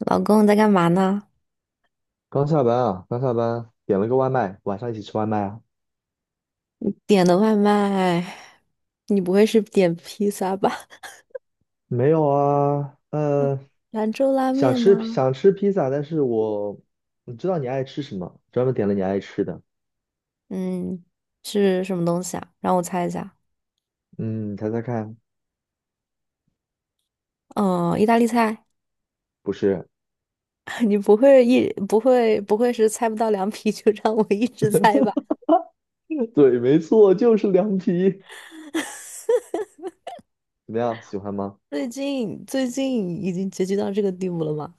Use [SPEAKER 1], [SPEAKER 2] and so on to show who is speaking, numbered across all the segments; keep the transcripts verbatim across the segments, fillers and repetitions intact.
[SPEAKER 1] 老公在干嘛呢？
[SPEAKER 2] 刚下班啊，刚下班，点了个外卖，晚上一起吃外卖啊？
[SPEAKER 1] 你点的外卖，你不会是点披萨吧？
[SPEAKER 2] 没有啊，呃，
[SPEAKER 1] 兰州拉
[SPEAKER 2] 想
[SPEAKER 1] 面
[SPEAKER 2] 吃
[SPEAKER 1] 吗？
[SPEAKER 2] 想吃披萨，但是我，你知道你爱吃什么，专门点了你爱吃的。
[SPEAKER 1] 嗯，是什么东西啊？让我猜一下。
[SPEAKER 2] 嗯，你猜猜看，
[SPEAKER 1] 嗯，意大利菜。
[SPEAKER 2] 不是，
[SPEAKER 1] 你不会一不会不会是猜不到凉皮就让我一直猜吧？
[SPEAKER 2] 对，没错，就是凉皮。怎么样，喜欢吗？
[SPEAKER 1] 最近最近已经结局到这个地步了吗？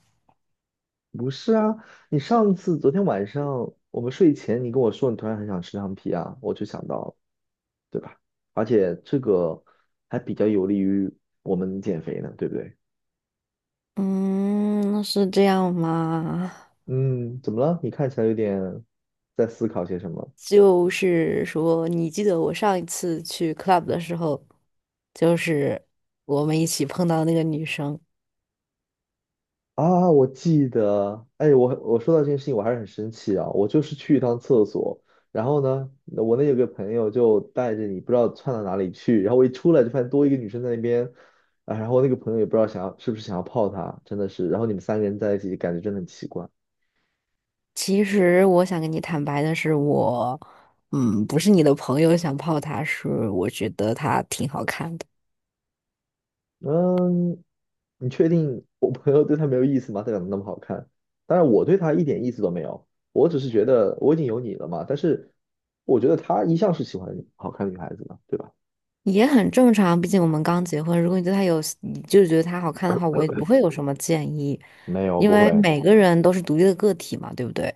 [SPEAKER 2] 不是啊，你上次昨天晚上我们睡前，你跟我说你突然很想吃凉皮啊，我就想到了，对吧？而且这个还比较有利于我们减肥呢，对不对？
[SPEAKER 1] 嗯，是这样吗？
[SPEAKER 2] 嗯，怎么了？你看起来有点在思考些什么
[SPEAKER 1] 就是说，你记得我上一次去 club 的时候，就是我们一起碰到那个女生。
[SPEAKER 2] 啊？我记得，哎，我我说到这件事情，我还是很生气啊。我就是去一趟厕所，然后呢，我那有个朋友就带着你不知道窜到哪里去，然后我一出来就发现多一个女生在那边，啊，然后那个朋友也不知道想要是不是想要泡她，真的是，然后你们三个人在一起，感觉真的很奇怪。
[SPEAKER 1] 其实我想跟你坦白的是我，嗯，不是你的朋友想泡她，是我觉得她挺好看的，
[SPEAKER 2] 嗯，你确定我朋友对她没有意思吗？她长得那么好看，当然我对她一点意思都没有，我只是觉得我已经有你了嘛。但是我觉得她一向是喜欢好看的女孩子嘛，对吧？
[SPEAKER 1] 也很正常。毕竟我们刚结婚，如果你对她有，你就觉得她好看的话，我也不会有什么建议，
[SPEAKER 2] 没有，
[SPEAKER 1] 因
[SPEAKER 2] 不
[SPEAKER 1] 为
[SPEAKER 2] 会。
[SPEAKER 1] 每个人都是独立的个体嘛，对不对？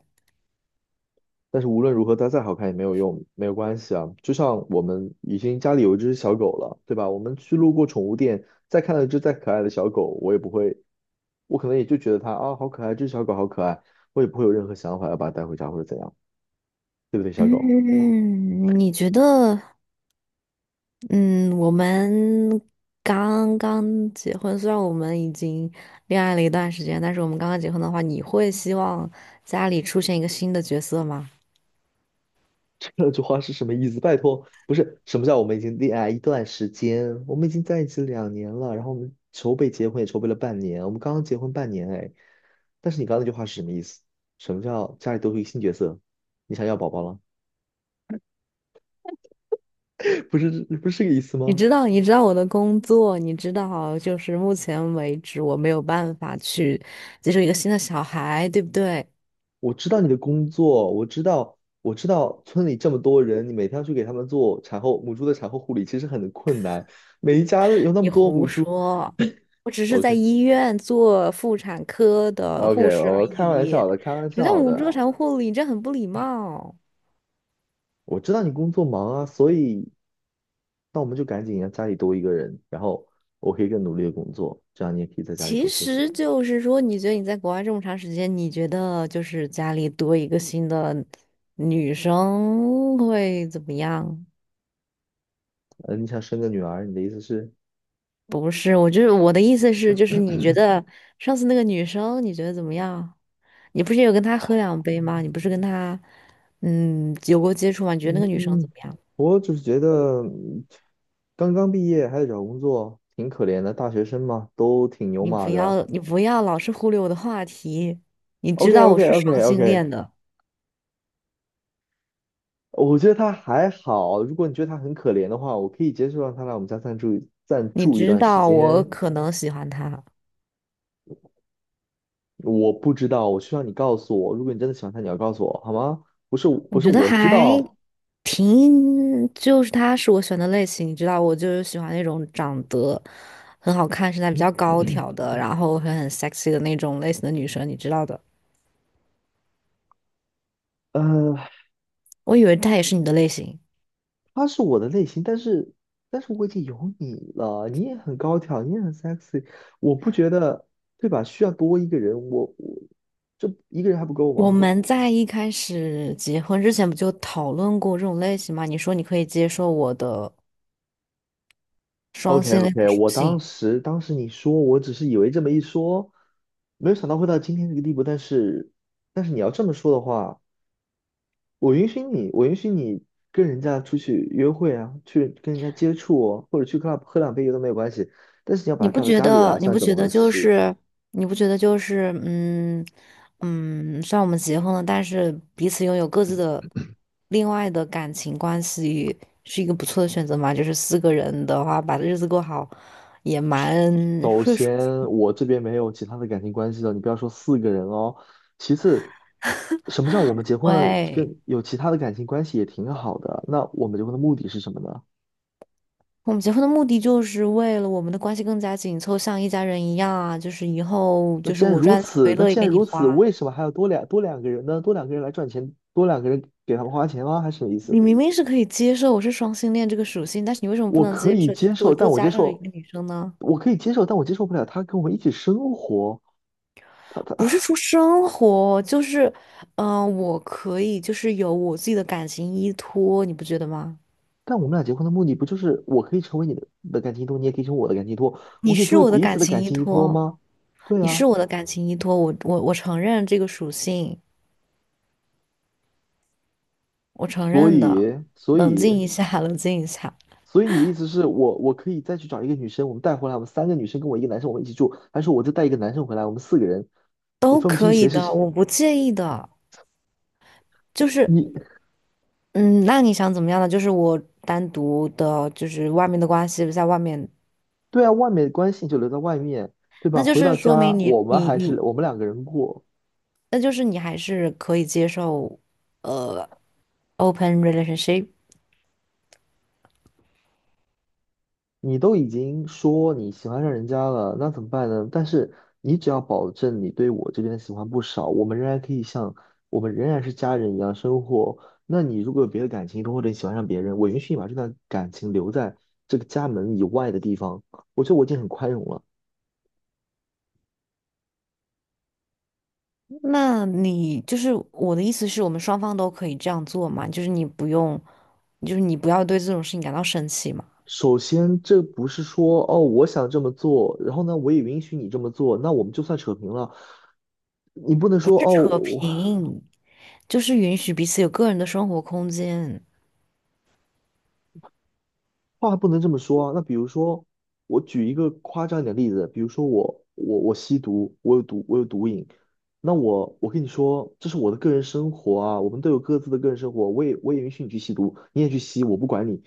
[SPEAKER 2] 但是无论如何，她再好看也没有用，没有关系啊。就像我们已经家里有一只小狗了，对吧？我们去路过宠物店，再看到一只再可爱的小狗，我也不会，我可能也就觉得它啊好可爱，这只小狗好可爱，我也不会有任何想法要把它带回家或者怎样，对不对，小狗？
[SPEAKER 1] 嗯，你觉得？嗯，我们刚刚结婚，虽然我们已经恋爱了一段时间，但是我们刚刚结婚的话，你会希望家里出现一个新的角色吗？
[SPEAKER 2] 这句话是什么意思？拜托，不是什么叫我们已经恋爱一段时间，我们已经在一起两年了，然后我们筹备结婚也筹备了半年，我们刚刚结婚半年哎。但是你刚刚那句话是什么意思？什么叫家里多出一个新角色？你想要宝宝了？不是，不是这个意思
[SPEAKER 1] 你
[SPEAKER 2] 吗？
[SPEAKER 1] 知道，你知道我的工作，你知道，就是目前为止我没有办法去接受一个新的小孩，对不对？
[SPEAKER 2] 我知道你的工作，我知道，我知道村里这么多人，你每天要去给他们做产后母猪的产后护理，其实很困难。每一家有那么
[SPEAKER 1] 你
[SPEAKER 2] 多母
[SPEAKER 1] 胡
[SPEAKER 2] 猪
[SPEAKER 1] 说，我只是在
[SPEAKER 2] ，OK，OK，
[SPEAKER 1] 医院做妇产科的护士而
[SPEAKER 2] 我开玩
[SPEAKER 1] 已。
[SPEAKER 2] 笑的，开玩
[SPEAKER 1] 什么叫
[SPEAKER 2] 笑
[SPEAKER 1] 无助
[SPEAKER 2] 的。
[SPEAKER 1] 产护理？这很不礼貌。
[SPEAKER 2] 我知道你工作忙啊，所以那我们就赶紧让家里多一个人，然后我可以更努力的工作，这样你也可以在家里
[SPEAKER 1] 其
[SPEAKER 2] 多休息。
[SPEAKER 1] 实就是说，你觉得你在国外这么长时间，你觉得就是家里多一个新的女生会怎么样？
[SPEAKER 2] 呃，你想生个女儿，你的意思是？
[SPEAKER 1] 不是，我就是我的意思是，就是你觉得上次那个女生，你觉得怎么样？你不是有跟她喝两杯吗？你不是跟她嗯有过接触吗？你觉得那个女生怎
[SPEAKER 2] 嗯，
[SPEAKER 1] 么样？
[SPEAKER 2] 我只是觉得嗯刚刚毕业还得找工作，挺可怜的，大学生嘛，都挺牛
[SPEAKER 1] 你
[SPEAKER 2] 马
[SPEAKER 1] 不
[SPEAKER 2] 的。
[SPEAKER 1] 要你不要老是忽略我的话题，你知
[SPEAKER 2] OK
[SPEAKER 1] 道我
[SPEAKER 2] OK
[SPEAKER 1] 是
[SPEAKER 2] OK
[SPEAKER 1] 双
[SPEAKER 2] OK,
[SPEAKER 1] 性恋的，
[SPEAKER 2] 我觉得他还好，如果你觉得他很可怜的话，我可以接受让他来我们家暂住暂
[SPEAKER 1] 你
[SPEAKER 2] 住一
[SPEAKER 1] 知
[SPEAKER 2] 段时
[SPEAKER 1] 道我
[SPEAKER 2] 间。
[SPEAKER 1] 可能喜欢她。
[SPEAKER 2] 我不知道，我需要你告诉我。如果你真的喜欢他，你要告诉我好吗？不是，
[SPEAKER 1] 我
[SPEAKER 2] 不是，
[SPEAKER 1] 觉得
[SPEAKER 2] 我知
[SPEAKER 1] 还
[SPEAKER 2] 道，
[SPEAKER 1] 挺，就是他是我选的类型，你知道，我就是喜欢那种长得很好看、身材比较高挑的，然后很很 sexy 的那种类型的女生，你知道的。
[SPEAKER 2] 呃，
[SPEAKER 1] 我以为她也是你的类型。
[SPEAKER 2] 他是我的类型，但是，但是我已经有你了，你也很高挑，你也很 sexy,我不觉得，对吧？需要多一个人，我我这一个人还不够
[SPEAKER 1] 我
[SPEAKER 2] 吗
[SPEAKER 1] 们在一开始结婚之前不就讨论过这种类型吗？你说你可以接受我的双
[SPEAKER 2] ？OK
[SPEAKER 1] 性恋的
[SPEAKER 2] OK,
[SPEAKER 1] 属
[SPEAKER 2] 我当
[SPEAKER 1] 性。
[SPEAKER 2] 时当时你说，我只是以为这么一说，没有想到会到今天这个地步，但是但是你要这么说的话。我允许你，我允许你跟人家出去约会啊，去跟人家接触哦或者去 club 喝两杯酒都没有关系。但是你要把
[SPEAKER 1] 你
[SPEAKER 2] 他
[SPEAKER 1] 不
[SPEAKER 2] 带到
[SPEAKER 1] 觉
[SPEAKER 2] 家里来，
[SPEAKER 1] 得？你
[SPEAKER 2] 算
[SPEAKER 1] 不
[SPEAKER 2] 怎么
[SPEAKER 1] 觉
[SPEAKER 2] 回
[SPEAKER 1] 得就
[SPEAKER 2] 事？
[SPEAKER 1] 是？你不觉得就是？嗯，嗯，虽然我们结婚了，但是彼此拥有各自的另外的感情关系，是一个不错的选择嘛？就是四个人的话，把日子过好也蛮
[SPEAKER 2] 首
[SPEAKER 1] 会舒
[SPEAKER 2] 先，
[SPEAKER 1] 服。
[SPEAKER 2] 我这边没有其他的感情关系了，你不要说四个人哦。其次，什么叫我们结婚了，
[SPEAKER 1] 对，
[SPEAKER 2] 跟有其他的感情关系也挺好的？那我们结婚的目的是什么呢？
[SPEAKER 1] 我们结婚的目的就是为了我们的关系更加紧凑，像一家人一样啊！就是以后
[SPEAKER 2] 那
[SPEAKER 1] 就
[SPEAKER 2] 既
[SPEAKER 1] 是
[SPEAKER 2] 然
[SPEAKER 1] 我
[SPEAKER 2] 如
[SPEAKER 1] 赚钱我
[SPEAKER 2] 此，
[SPEAKER 1] 也
[SPEAKER 2] 那
[SPEAKER 1] 乐意
[SPEAKER 2] 既
[SPEAKER 1] 给
[SPEAKER 2] 然
[SPEAKER 1] 你
[SPEAKER 2] 如此，
[SPEAKER 1] 花。
[SPEAKER 2] 为什么还要多两多两个人呢？多两个人来赚钱，多两个人给他们花钱吗？还是什么意
[SPEAKER 1] 你
[SPEAKER 2] 思？
[SPEAKER 1] 明明是可以接受我是双性恋这个属性，但是你为什么不
[SPEAKER 2] 我
[SPEAKER 1] 能
[SPEAKER 2] 可
[SPEAKER 1] 接
[SPEAKER 2] 以
[SPEAKER 1] 受？就是
[SPEAKER 2] 接
[SPEAKER 1] 都
[SPEAKER 2] 受，
[SPEAKER 1] 做
[SPEAKER 2] 但我
[SPEAKER 1] 加
[SPEAKER 2] 接
[SPEAKER 1] 上一
[SPEAKER 2] 受，
[SPEAKER 1] 个女生呢？
[SPEAKER 2] 我可以接受，但我接受不了他跟我们一起生活。他
[SPEAKER 1] 不是
[SPEAKER 2] 他，
[SPEAKER 1] 说生活，就是，嗯、我可以就是有我自己的感情依托，你不觉得吗？
[SPEAKER 2] 但我们俩结婚的目的不就是我可以成为你的的感情依托，你也可以成为我的感情依托，我
[SPEAKER 1] 你
[SPEAKER 2] 们可以
[SPEAKER 1] 是
[SPEAKER 2] 成为
[SPEAKER 1] 我的
[SPEAKER 2] 彼此
[SPEAKER 1] 感
[SPEAKER 2] 的
[SPEAKER 1] 情
[SPEAKER 2] 感
[SPEAKER 1] 依
[SPEAKER 2] 情依托
[SPEAKER 1] 托，
[SPEAKER 2] 吗？对
[SPEAKER 1] 你是
[SPEAKER 2] 啊，
[SPEAKER 1] 我的感情依托，我我我承认这个属性，我承
[SPEAKER 2] 所
[SPEAKER 1] 认的，
[SPEAKER 2] 以所
[SPEAKER 1] 冷
[SPEAKER 2] 以
[SPEAKER 1] 静一下，冷静一下，
[SPEAKER 2] 所以你的意思是我我可以再去找一个女生，我们带回来，我们三个女生跟我一个男生，我们一起住，还是我就带一个男生回来，我们四个人也
[SPEAKER 1] 都
[SPEAKER 2] 分不清
[SPEAKER 1] 可以
[SPEAKER 2] 谁是
[SPEAKER 1] 的，
[SPEAKER 2] 谁？
[SPEAKER 1] 我不介意的，就是。
[SPEAKER 2] 你
[SPEAKER 1] 嗯，那你想怎么样呢？就是我单独的，就是外面的关系，在外面
[SPEAKER 2] 对啊，外面的关系就留在外面，对吧？
[SPEAKER 1] 那就
[SPEAKER 2] 回到
[SPEAKER 1] 是说
[SPEAKER 2] 家
[SPEAKER 1] 明你
[SPEAKER 2] 我们
[SPEAKER 1] 你
[SPEAKER 2] 还
[SPEAKER 1] 你，
[SPEAKER 2] 是我们两个人过。
[SPEAKER 1] 那就是你还是可以接受呃 open relationship。
[SPEAKER 2] 你都已经说你喜欢上人家了，那怎么办呢？但是你只要保证你对我这边的喜欢不少，我们仍然可以像我们仍然是家人一样生活。那你如果有别的感情，或者你喜欢上别人，我允许你把这段感情留在这个家门以外的地方，我觉得我已经很宽容了。
[SPEAKER 1] 那你就是我的意思是我们双方都可以这样做嘛？就是你不用，就是你不要对这种事情感到生气嘛，
[SPEAKER 2] 首先，这不是说哦，我想这么做，然后呢，我也允许你这么做，那我们就算扯平了。你不能
[SPEAKER 1] 不
[SPEAKER 2] 说
[SPEAKER 1] 是扯
[SPEAKER 2] 哦，
[SPEAKER 1] 平，就是允许彼此有个人的生活空间。
[SPEAKER 2] 话不能这么说啊。那比如说，我举一个夸张一点的例子，比如说我我我吸毒，我有毒我有毒瘾，那我我跟你说，这是我的个人生活啊，我们都有各自的个人生活，我也我也允许你去吸毒，你也去吸，我不管你。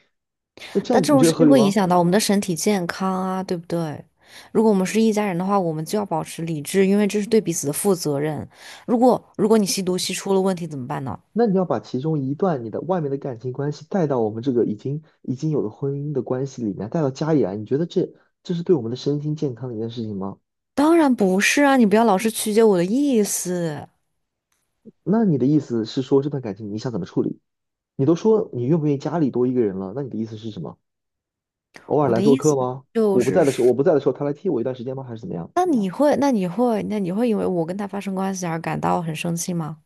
[SPEAKER 2] 那这
[SPEAKER 1] 但
[SPEAKER 2] 样子
[SPEAKER 1] 这
[SPEAKER 2] 你
[SPEAKER 1] 种
[SPEAKER 2] 觉得
[SPEAKER 1] 事
[SPEAKER 2] 合
[SPEAKER 1] 情
[SPEAKER 2] 理
[SPEAKER 1] 会影
[SPEAKER 2] 吗？
[SPEAKER 1] 响到我们的身体健康啊，对不对？如果我们是一家人的话，我们就要保持理智，因为这是对彼此的负责任。如果如果你吸毒吸出了问题怎么办呢？
[SPEAKER 2] 那你要把其中一段你的外面的感情关系带到我们这个已经已经有的婚姻的关系里面，带到家里来，你觉得这这是对我们的身心健康的一件事情吗？
[SPEAKER 1] 当然不是啊，你不要老是曲解我的意思。
[SPEAKER 2] 那你的意思是说这段感情你想怎么处理？你都说你愿不愿意家里多一个人了，那你的意思是什么？偶尔
[SPEAKER 1] 我
[SPEAKER 2] 来
[SPEAKER 1] 的
[SPEAKER 2] 做
[SPEAKER 1] 意
[SPEAKER 2] 客
[SPEAKER 1] 思
[SPEAKER 2] 吗？
[SPEAKER 1] 就
[SPEAKER 2] 我不
[SPEAKER 1] 是
[SPEAKER 2] 在的时候，我
[SPEAKER 1] 说，
[SPEAKER 2] 不在的时候，他来替我一段时间吗？还是怎么样？
[SPEAKER 1] 那你会，那你会，那你会因为我跟他发生关系而感到很生气吗？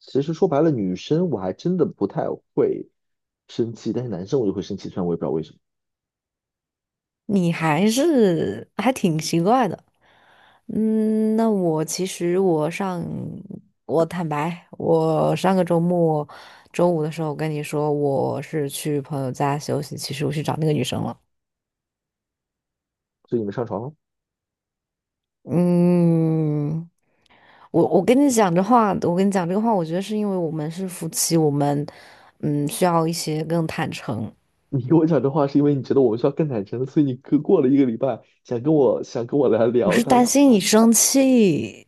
[SPEAKER 2] 其实说白了，女生我还真的不太会生气，但是男生我就会生气，虽然我也不知道为什么。
[SPEAKER 1] 你还是还挺奇怪的。嗯，那我其实我上，我坦白，我上个周末周五的时候跟你说我是去朋友家休息，其实我去找那个女生了。
[SPEAKER 2] 所以你们上床了？
[SPEAKER 1] 嗯。我我跟你讲这话，我跟你讲这个话，我觉得是因为我们是夫妻，我们嗯需要一些更坦诚。
[SPEAKER 2] 你跟我讲这话是因为你觉得我们需要更坦诚，所以你过过了一个礼拜想跟我想跟我来
[SPEAKER 1] 我
[SPEAKER 2] 聊
[SPEAKER 1] 是
[SPEAKER 2] 他，
[SPEAKER 1] 担心你生气，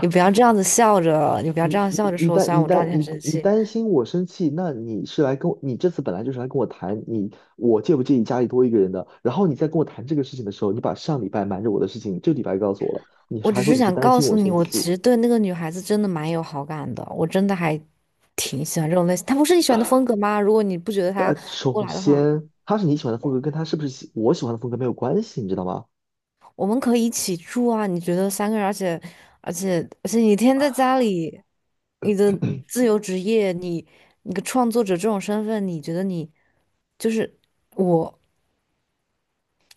[SPEAKER 1] 你不要这样子笑着，你不要
[SPEAKER 2] 你
[SPEAKER 1] 这样
[SPEAKER 2] 你
[SPEAKER 1] 笑着
[SPEAKER 2] 你
[SPEAKER 1] 说。虽
[SPEAKER 2] 担
[SPEAKER 1] 然
[SPEAKER 2] 你
[SPEAKER 1] 我知道
[SPEAKER 2] 担
[SPEAKER 1] 你很
[SPEAKER 2] 你
[SPEAKER 1] 生
[SPEAKER 2] 你
[SPEAKER 1] 气，
[SPEAKER 2] 担心我生气，那你是来跟我，你这次本来就是来跟我谈你我介不介意家里多一个人的，然后你在跟我谈这个事情的时候，你把上礼拜瞒着我的事情这礼拜告诉我了，你
[SPEAKER 1] 我只
[SPEAKER 2] 还说
[SPEAKER 1] 是
[SPEAKER 2] 你是
[SPEAKER 1] 想
[SPEAKER 2] 担
[SPEAKER 1] 告
[SPEAKER 2] 心我
[SPEAKER 1] 诉你，
[SPEAKER 2] 生
[SPEAKER 1] 我其
[SPEAKER 2] 气，
[SPEAKER 1] 实对那个女孩子真的蛮有好感的，我真的还挺喜欢这种类型。她不是你喜欢的风格吗？如果你不觉得她
[SPEAKER 2] 呃，
[SPEAKER 1] 过
[SPEAKER 2] 首
[SPEAKER 1] 来的话。
[SPEAKER 2] 先他是你喜欢的风格，跟他是不是喜我喜欢的风格没有关系，你知道吗？
[SPEAKER 1] 我们可以一起住啊，你觉得三个人，而且而且而且你天天在家里，你的自由职业，你你个创作者这种身份，你觉得你就是我，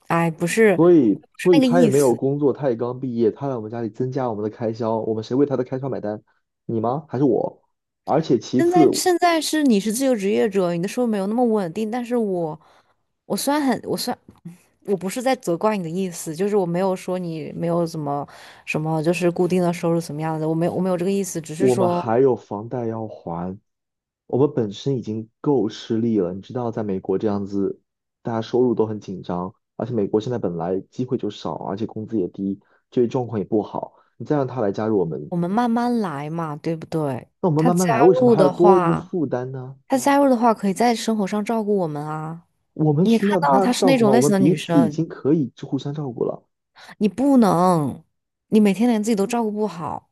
[SPEAKER 1] 哎，不是不是
[SPEAKER 2] 所以
[SPEAKER 1] 那个
[SPEAKER 2] 他也
[SPEAKER 1] 意
[SPEAKER 2] 没有
[SPEAKER 1] 思。
[SPEAKER 2] 工作，他也刚毕业，他来我们家里增加我们的开销，我们谁为他的开销买单？你吗？还是我？而且其
[SPEAKER 1] 现在
[SPEAKER 2] 次。
[SPEAKER 1] 现在是你是自由职业者，你的收入没有那么稳定，但是我我虽然很我虽然我不是在责怪你的意思，就是我没有说你没有怎么什么，就是固定的收入怎么样的，我没有我没有这个意思，只是
[SPEAKER 2] 我们
[SPEAKER 1] 说。
[SPEAKER 2] 还有房贷要还，我们本身已经够吃力了。你知道，在美国这样子，大家收入都很紧张，而且美国现在本来机会就少，而且工资也低，就业状况也不好。你再让他来加入我们，
[SPEAKER 1] 我们慢慢来嘛，对不对？
[SPEAKER 2] 那我们
[SPEAKER 1] 他
[SPEAKER 2] 慢慢
[SPEAKER 1] 加
[SPEAKER 2] 来，为什么
[SPEAKER 1] 入
[SPEAKER 2] 还要
[SPEAKER 1] 的
[SPEAKER 2] 多一个
[SPEAKER 1] 话，
[SPEAKER 2] 负担呢？
[SPEAKER 1] 他加入的话，可以在生活上照顾我们啊。
[SPEAKER 2] 我们
[SPEAKER 1] 你也
[SPEAKER 2] 需
[SPEAKER 1] 看
[SPEAKER 2] 要
[SPEAKER 1] 到
[SPEAKER 2] 他
[SPEAKER 1] 她是
[SPEAKER 2] 照
[SPEAKER 1] 那
[SPEAKER 2] 顾
[SPEAKER 1] 种
[SPEAKER 2] 吗？我
[SPEAKER 1] 类型
[SPEAKER 2] 们
[SPEAKER 1] 的
[SPEAKER 2] 彼
[SPEAKER 1] 女
[SPEAKER 2] 此已
[SPEAKER 1] 生，
[SPEAKER 2] 经可以互相照顾了。
[SPEAKER 1] 你不能，你每天连自己都照顾不好，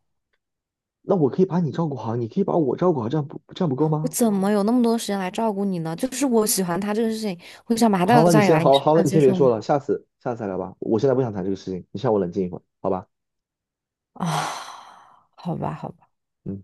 [SPEAKER 2] 那我可以把你照顾好，你可以把我照顾好，这样不这样不够
[SPEAKER 1] 我
[SPEAKER 2] 吗？
[SPEAKER 1] 怎么有那么多时间来照顾你呢？就是我喜欢她这个事情，我想把她
[SPEAKER 2] 好
[SPEAKER 1] 带到
[SPEAKER 2] 了，你
[SPEAKER 1] 家里
[SPEAKER 2] 先
[SPEAKER 1] 来，你
[SPEAKER 2] 好了
[SPEAKER 1] 是不
[SPEAKER 2] 好了，
[SPEAKER 1] 能
[SPEAKER 2] 你
[SPEAKER 1] 接
[SPEAKER 2] 先别
[SPEAKER 1] 受
[SPEAKER 2] 说
[SPEAKER 1] 吗？
[SPEAKER 2] 了，下次下次再聊吧。我现在不想谈这个事情，你先让我冷静一会儿，好吧？
[SPEAKER 1] 啊，好吧，好吧。
[SPEAKER 2] 嗯。